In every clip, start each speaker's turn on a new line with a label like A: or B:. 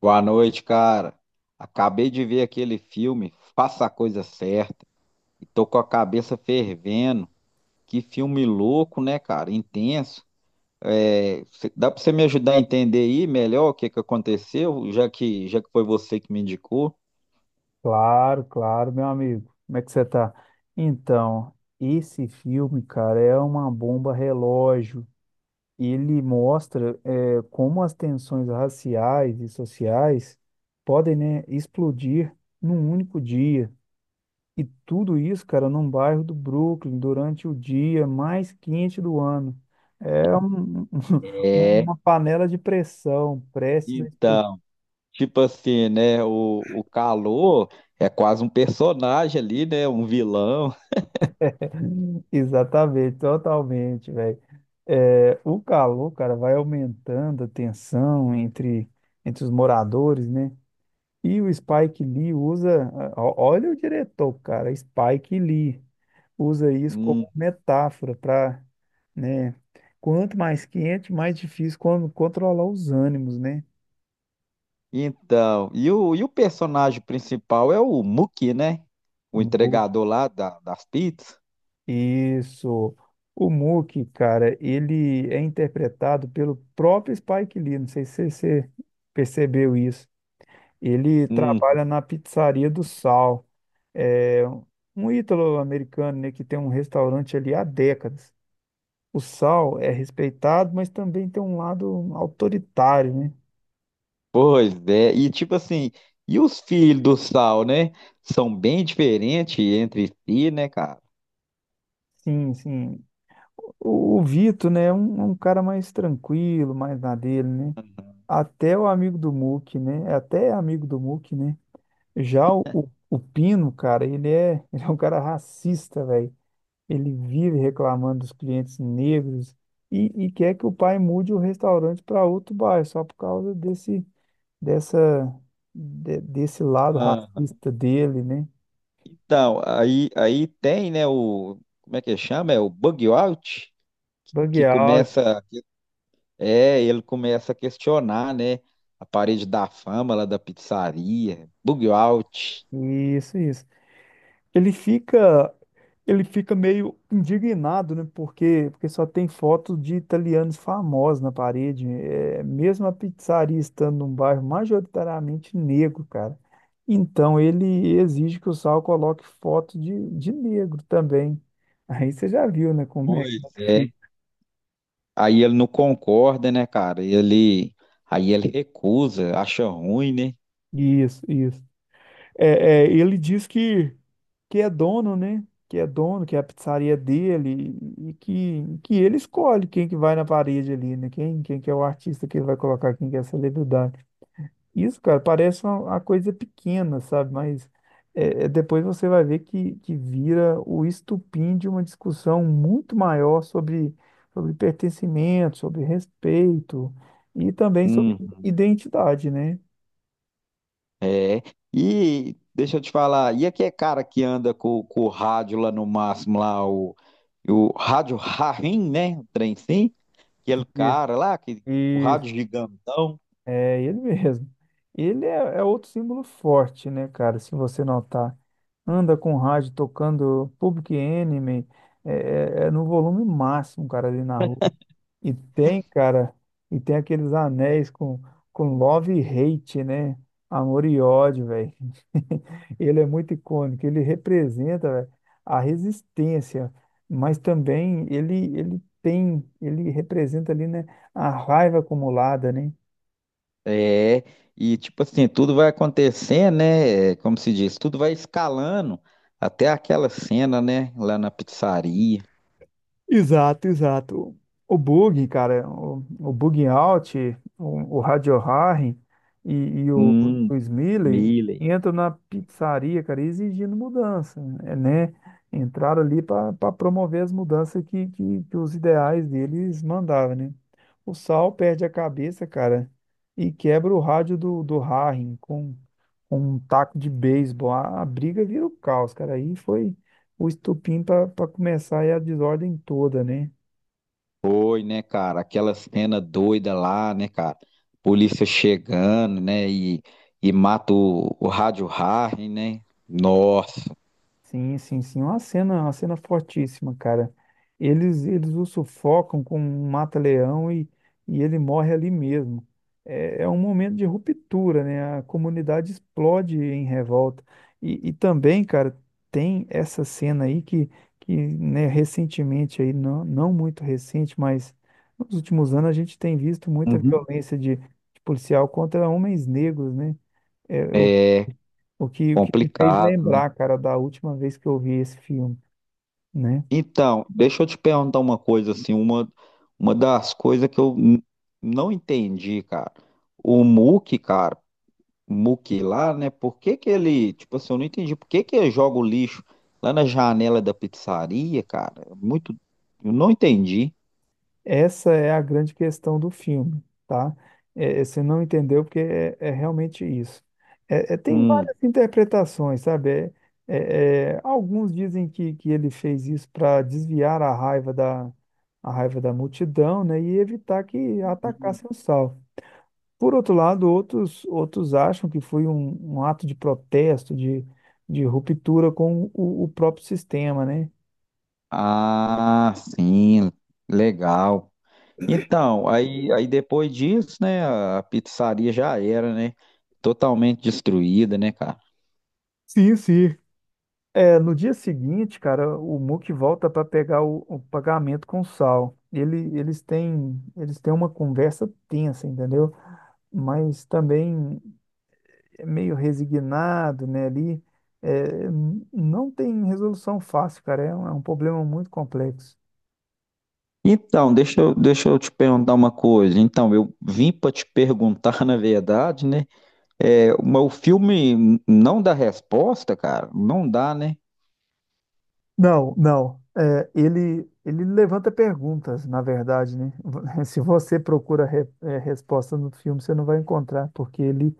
A: Boa noite, cara. Acabei de ver aquele filme, Faça a Coisa Certa, e tô com a cabeça fervendo. Que filme louco, né, cara? Intenso. Dá pra você me ajudar a entender aí melhor o que que aconteceu, já que foi você que me indicou?
B: Claro, claro, meu amigo. Como é que você tá? Então, esse filme, cara, é uma bomba relógio. Ele mostra, como as tensões raciais e sociais podem, né, explodir num único dia. E tudo isso, cara, num bairro do Brooklyn, durante o dia mais quente do ano. É um-
A: É,
B: uma panela de pressão prestes a explodir.
A: então, tipo assim, né? O calor é quase um personagem ali, né? Um vilão.
B: Exatamente, totalmente, velho. É, o calor, cara, vai aumentando a tensão entre os moradores, né? E o Spike Lee usa, ó- olha o diretor, cara, Spike Lee usa isso
A: Um.
B: como metáfora para, né? Quanto mais quente, mais difícil controlar os ânimos, né?
A: Então, e o personagem principal é o Muki, né? O entregador lá das pizzas.
B: Isso. O Mookie, cara, ele é interpretado pelo próprio Spike Lee. Não sei se você percebeu isso. Ele
A: Hum,
B: trabalha na Pizzaria do Sal. É um ítalo-americano, né, que tem um restaurante ali há décadas. O Sal é respeitado, mas também tem um lado autoritário, né?
A: pois é. E tipo assim, e os filhos do Sal, né? São bem diferentes entre si, né, cara?
B: Sim, sim. O Vito, né, é um cara mais tranquilo, mais na dele, né? Até o amigo do Mookie, né? Até é amigo do Mookie, né? Já o Pino, cara, ele é um cara racista, velho. Ele vive reclamando dos clientes negros e quer que o pai mude o restaurante para outro bairro, só por causa dessa, desse lado
A: Ah,
B: racista dele, né?
A: então, aí tem, né, o, como é que chama? É o Bug Out,
B: Bug
A: que
B: out,
A: começa, é, ele começa a questionar, né, a parede da fama lá da pizzaria, Bug Out.
B: isso, isso. Ele fica, ele fica meio indignado, né? Porque só tem foto de italianos famosos na parede. É, mesmo a pizzaria estando num bairro majoritariamente negro, cara. Então ele exige que o Sal coloque foto de negro também. Aí você já viu, né? Como é
A: Pois
B: que
A: é.
B: fica.
A: Aí ele não concorda, né, cara? E ele, aí ele recusa, acha ruim, né?
B: Isso, isso. Ele diz que é dono, né? Que é dono, que é a pizzaria dele e que ele escolhe quem que vai na parede ali, né? Quem que é o artista que ele vai colocar, quem que é a celebridade. Isso, cara, parece uma coisa pequena, sabe? Mas depois você vai ver que vira o estupim de uma discussão muito maior sobre pertencimento, sobre respeito e também sobre
A: Hum.
B: identidade, né?
A: É. E deixa eu te falar, e aquele cara que anda com o rádio lá no máximo, lá, o rádio Rarim, né? O trem sim, aquele
B: Isso.
A: cara lá, que, o rádio gigantão.
B: É ele mesmo. É outro símbolo forte, né, cara? Se você notar, anda com o rádio tocando Public Enemy, é, é no volume máximo, cara, ali na rua. E tem, cara, e tem aqueles anéis com love e hate, né? Amor e ódio, velho. Ele é muito icônico, ele representa, velho, a resistência, mas também ele tem, ele representa ali, né, a raiva acumulada, né?
A: É. E tipo assim, tudo vai acontecendo, né? Como se diz, tudo vai escalando até aquela cena, né? Lá na pizzaria.
B: Exato, exato. O o bug out, o Radio Harry e
A: Hum,
B: o Smiley
A: Miller.
B: entram na pizzaria, cara, exigindo mudança, é, né? Entraram ali para promover as mudanças que os ideais deles mandavam, né? O Sal perde a cabeça, cara, e quebra o rádio do Harry com um taco de beisebol. A briga vira o caos, cara. Aí foi o estupim para começar é a desordem toda, né?
A: Foi, né, cara? Aquela cena doida lá, né, cara? Polícia chegando, né? E mata o Rádio Harry, né? Nossa.
B: Sim, sim, sim. Uma cena fortíssima, cara. Eles o sufocam com um mata-leão e ele morre ali mesmo. É, é um momento de ruptura, né? A comunidade explode em revolta. E também, cara, tem essa cena aí que, recentemente aí, não muito recente, mas nos últimos anos a gente tem visto muita
A: Uhum.
B: violência de policial contra homens negros, né? É, o
A: É
B: O que me fez
A: complicado, né?
B: lembrar, cara, da última vez que eu vi esse filme, né?
A: Então, deixa eu te perguntar uma coisa, assim, uma das coisas que não entendi, cara. O Mookie, cara, o Mookie lá, né? Por que que ele, tipo assim, eu não entendi por que que ele joga o lixo lá na janela da pizzaria, cara? É muito, eu não entendi.
B: Essa é a grande questão do filme, tá? Você não entendeu porque é realmente isso. Tem
A: Hum.
B: várias interpretações, sabe? É, alguns dizem que ele fez isso para desviar a raiva a raiva da multidão, né? E evitar que
A: Hum.
B: atacassem o Saul. Por outro lado, outros acham que foi um ato de protesto, de ruptura com o próprio sistema, né?
A: Ah, sim, legal. Então, aí depois disso, né, a pizzaria já era, né, totalmente destruída, né, cara?
B: Sim, sim. É, no dia seguinte, cara, o Muk volta para pegar o pagamento com o Sal. Eles têm uma conversa tensa, entendeu? Mas também é meio resignado, né, ali. É, não tem resolução fácil, cara. É um problema muito complexo.
A: Então, deixa eu te perguntar uma coisa. Então, eu vim para te perguntar, na verdade, né, é, mas o filme não dá resposta, cara? Não dá, né?
B: Não, não. Ele levanta perguntas, na verdade, né? Se você procura resposta no filme, você não vai encontrar, porque ele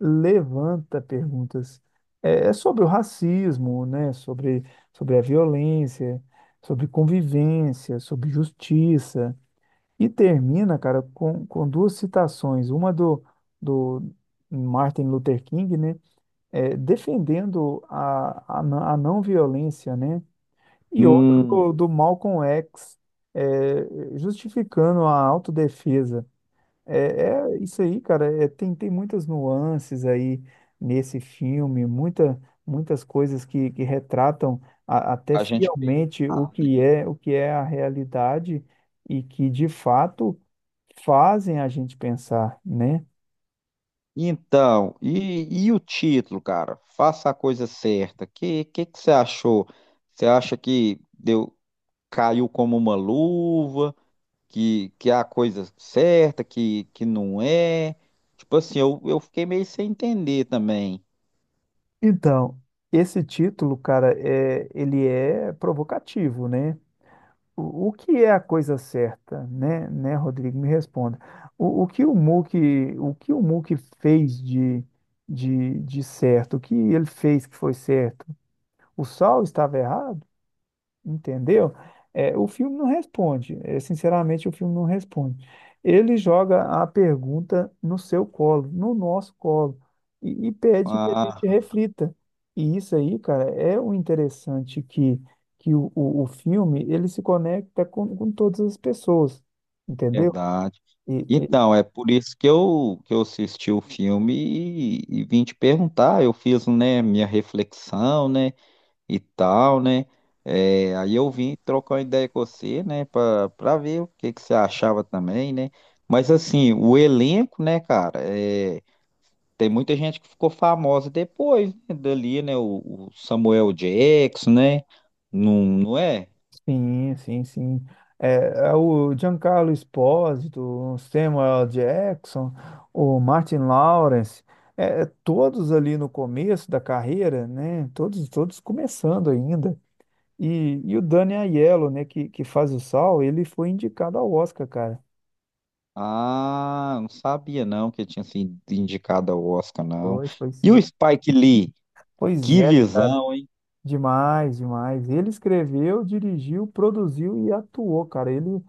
B: levanta perguntas. É sobre o racismo, né? Sobre a violência, sobre convivência, sobre justiça. E termina, cara, com duas citações. Uma do Martin Luther King, né? É, defendendo a não violência, né? E outra
A: Hum,
B: do Malcolm X, é, justificando a autodefesa. É, é isso aí, cara. Tem muitas nuances aí nesse filme, muitas coisas que retratam até
A: a gente pensar.
B: fielmente o que é a realidade e que de fato fazem a gente pensar, né?
A: Então, e o título, cara? Faça a coisa certa. Que que você achou? Você acha que deu caiu como uma luva? Que é a coisa certa? Que não é? Tipo assim, eu fiquei meio sem entender também.
B: Então, esse título, cara, ele é provocativo, né? O que é a coisa certa, né, Rodrigo? Me responda. O, o que o Muk, o que o Muk fez de certo? O que ele fez que foi certo? O Sol estava errado? Entendeu? É, o filme não responde. É, sinceramente, o filme não responde. Ele joga a pergunta no seu colo, no nosso colo, e pede que a gente
A: Ah,
B: reflita. E isso aí, cara, é o interessante que o filme ele se conecta com todas as pessoas, entendeu?
A: verdade. Então, é por isso que eu assisti o filme e vim te perguntar. Eu fiz, né, minha reflexão, né? E tal, né? É, aí eu vim trocar uma ideia com você, né, para ver o que que você achava também, né? Mas assim, o elenco, né, cara, é, tem muita gente que ficou famosa depois, né, dali, né? O Samuel Jackson, né? Não, não é?
B: Sim, sim, sim. É o Giancarlo Esposito, o Samuel Jackson, o Martin Lawrence, é todos ali no começo da carreira, né? Todos começando ainda. E o Danny Aiello, né, que faz o Saul, ele foi indicado ao Oscar, cara.
A: Ah, não sabia não que ele tinha sido indicado ao Oscar, não.
B: Foi, foi
A: E
B: sim.
A: o Spike Lee,
B: Pois
A: que
B: é, cara.
A: visão!
B: Demais, demais. Ele escreveu, dirigiu, produziu e atuou, cara. Ele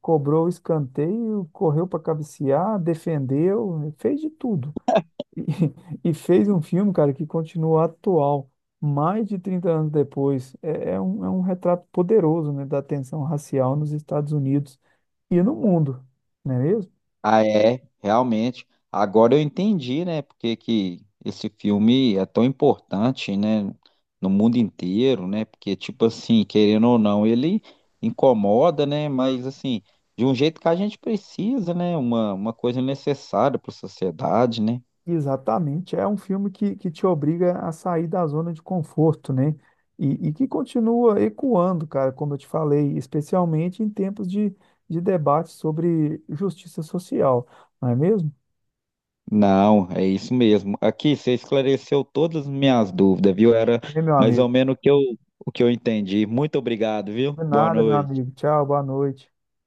B: cobrou o escanteio, correu para cabecear, defendeu, fez de tudo. E e fez um filme, cara, que continua atual, mais de 30 anos depois. É um retrato poderoso, né, da tensão racial nos Estados Unidos e no mundo, não é mesmo?
A: Ah, é, realmente. Agora eu entendi, né, porque que esse filme é tão importante, né, no mundo inteiro, né, porque, tipo assim, querendo ou não, ele incomoda, né, mas, assim, de um jeito que a gente precisa, né, uma coisa necessária para a sociedade, né.
B: Exatamente. É um filme que te obriga a sair da zona de conforto, né? E que continua ecoando, cara, como eu te falei, especialmente em tempos de debate sobre justiça social, não é mesmo?
A: Não, é isso mesmo. Aqui, você esclareceu todas as minhas dúvidas, viu? Era
B: Bem, meu
A: mais ou
B: amigo.
A: menos o que eu entendi. Muito obrigado, viu?
B: Não é
A: Boa
B: nada, meu
A: noite.
B: amigo. Tchau, boa noite.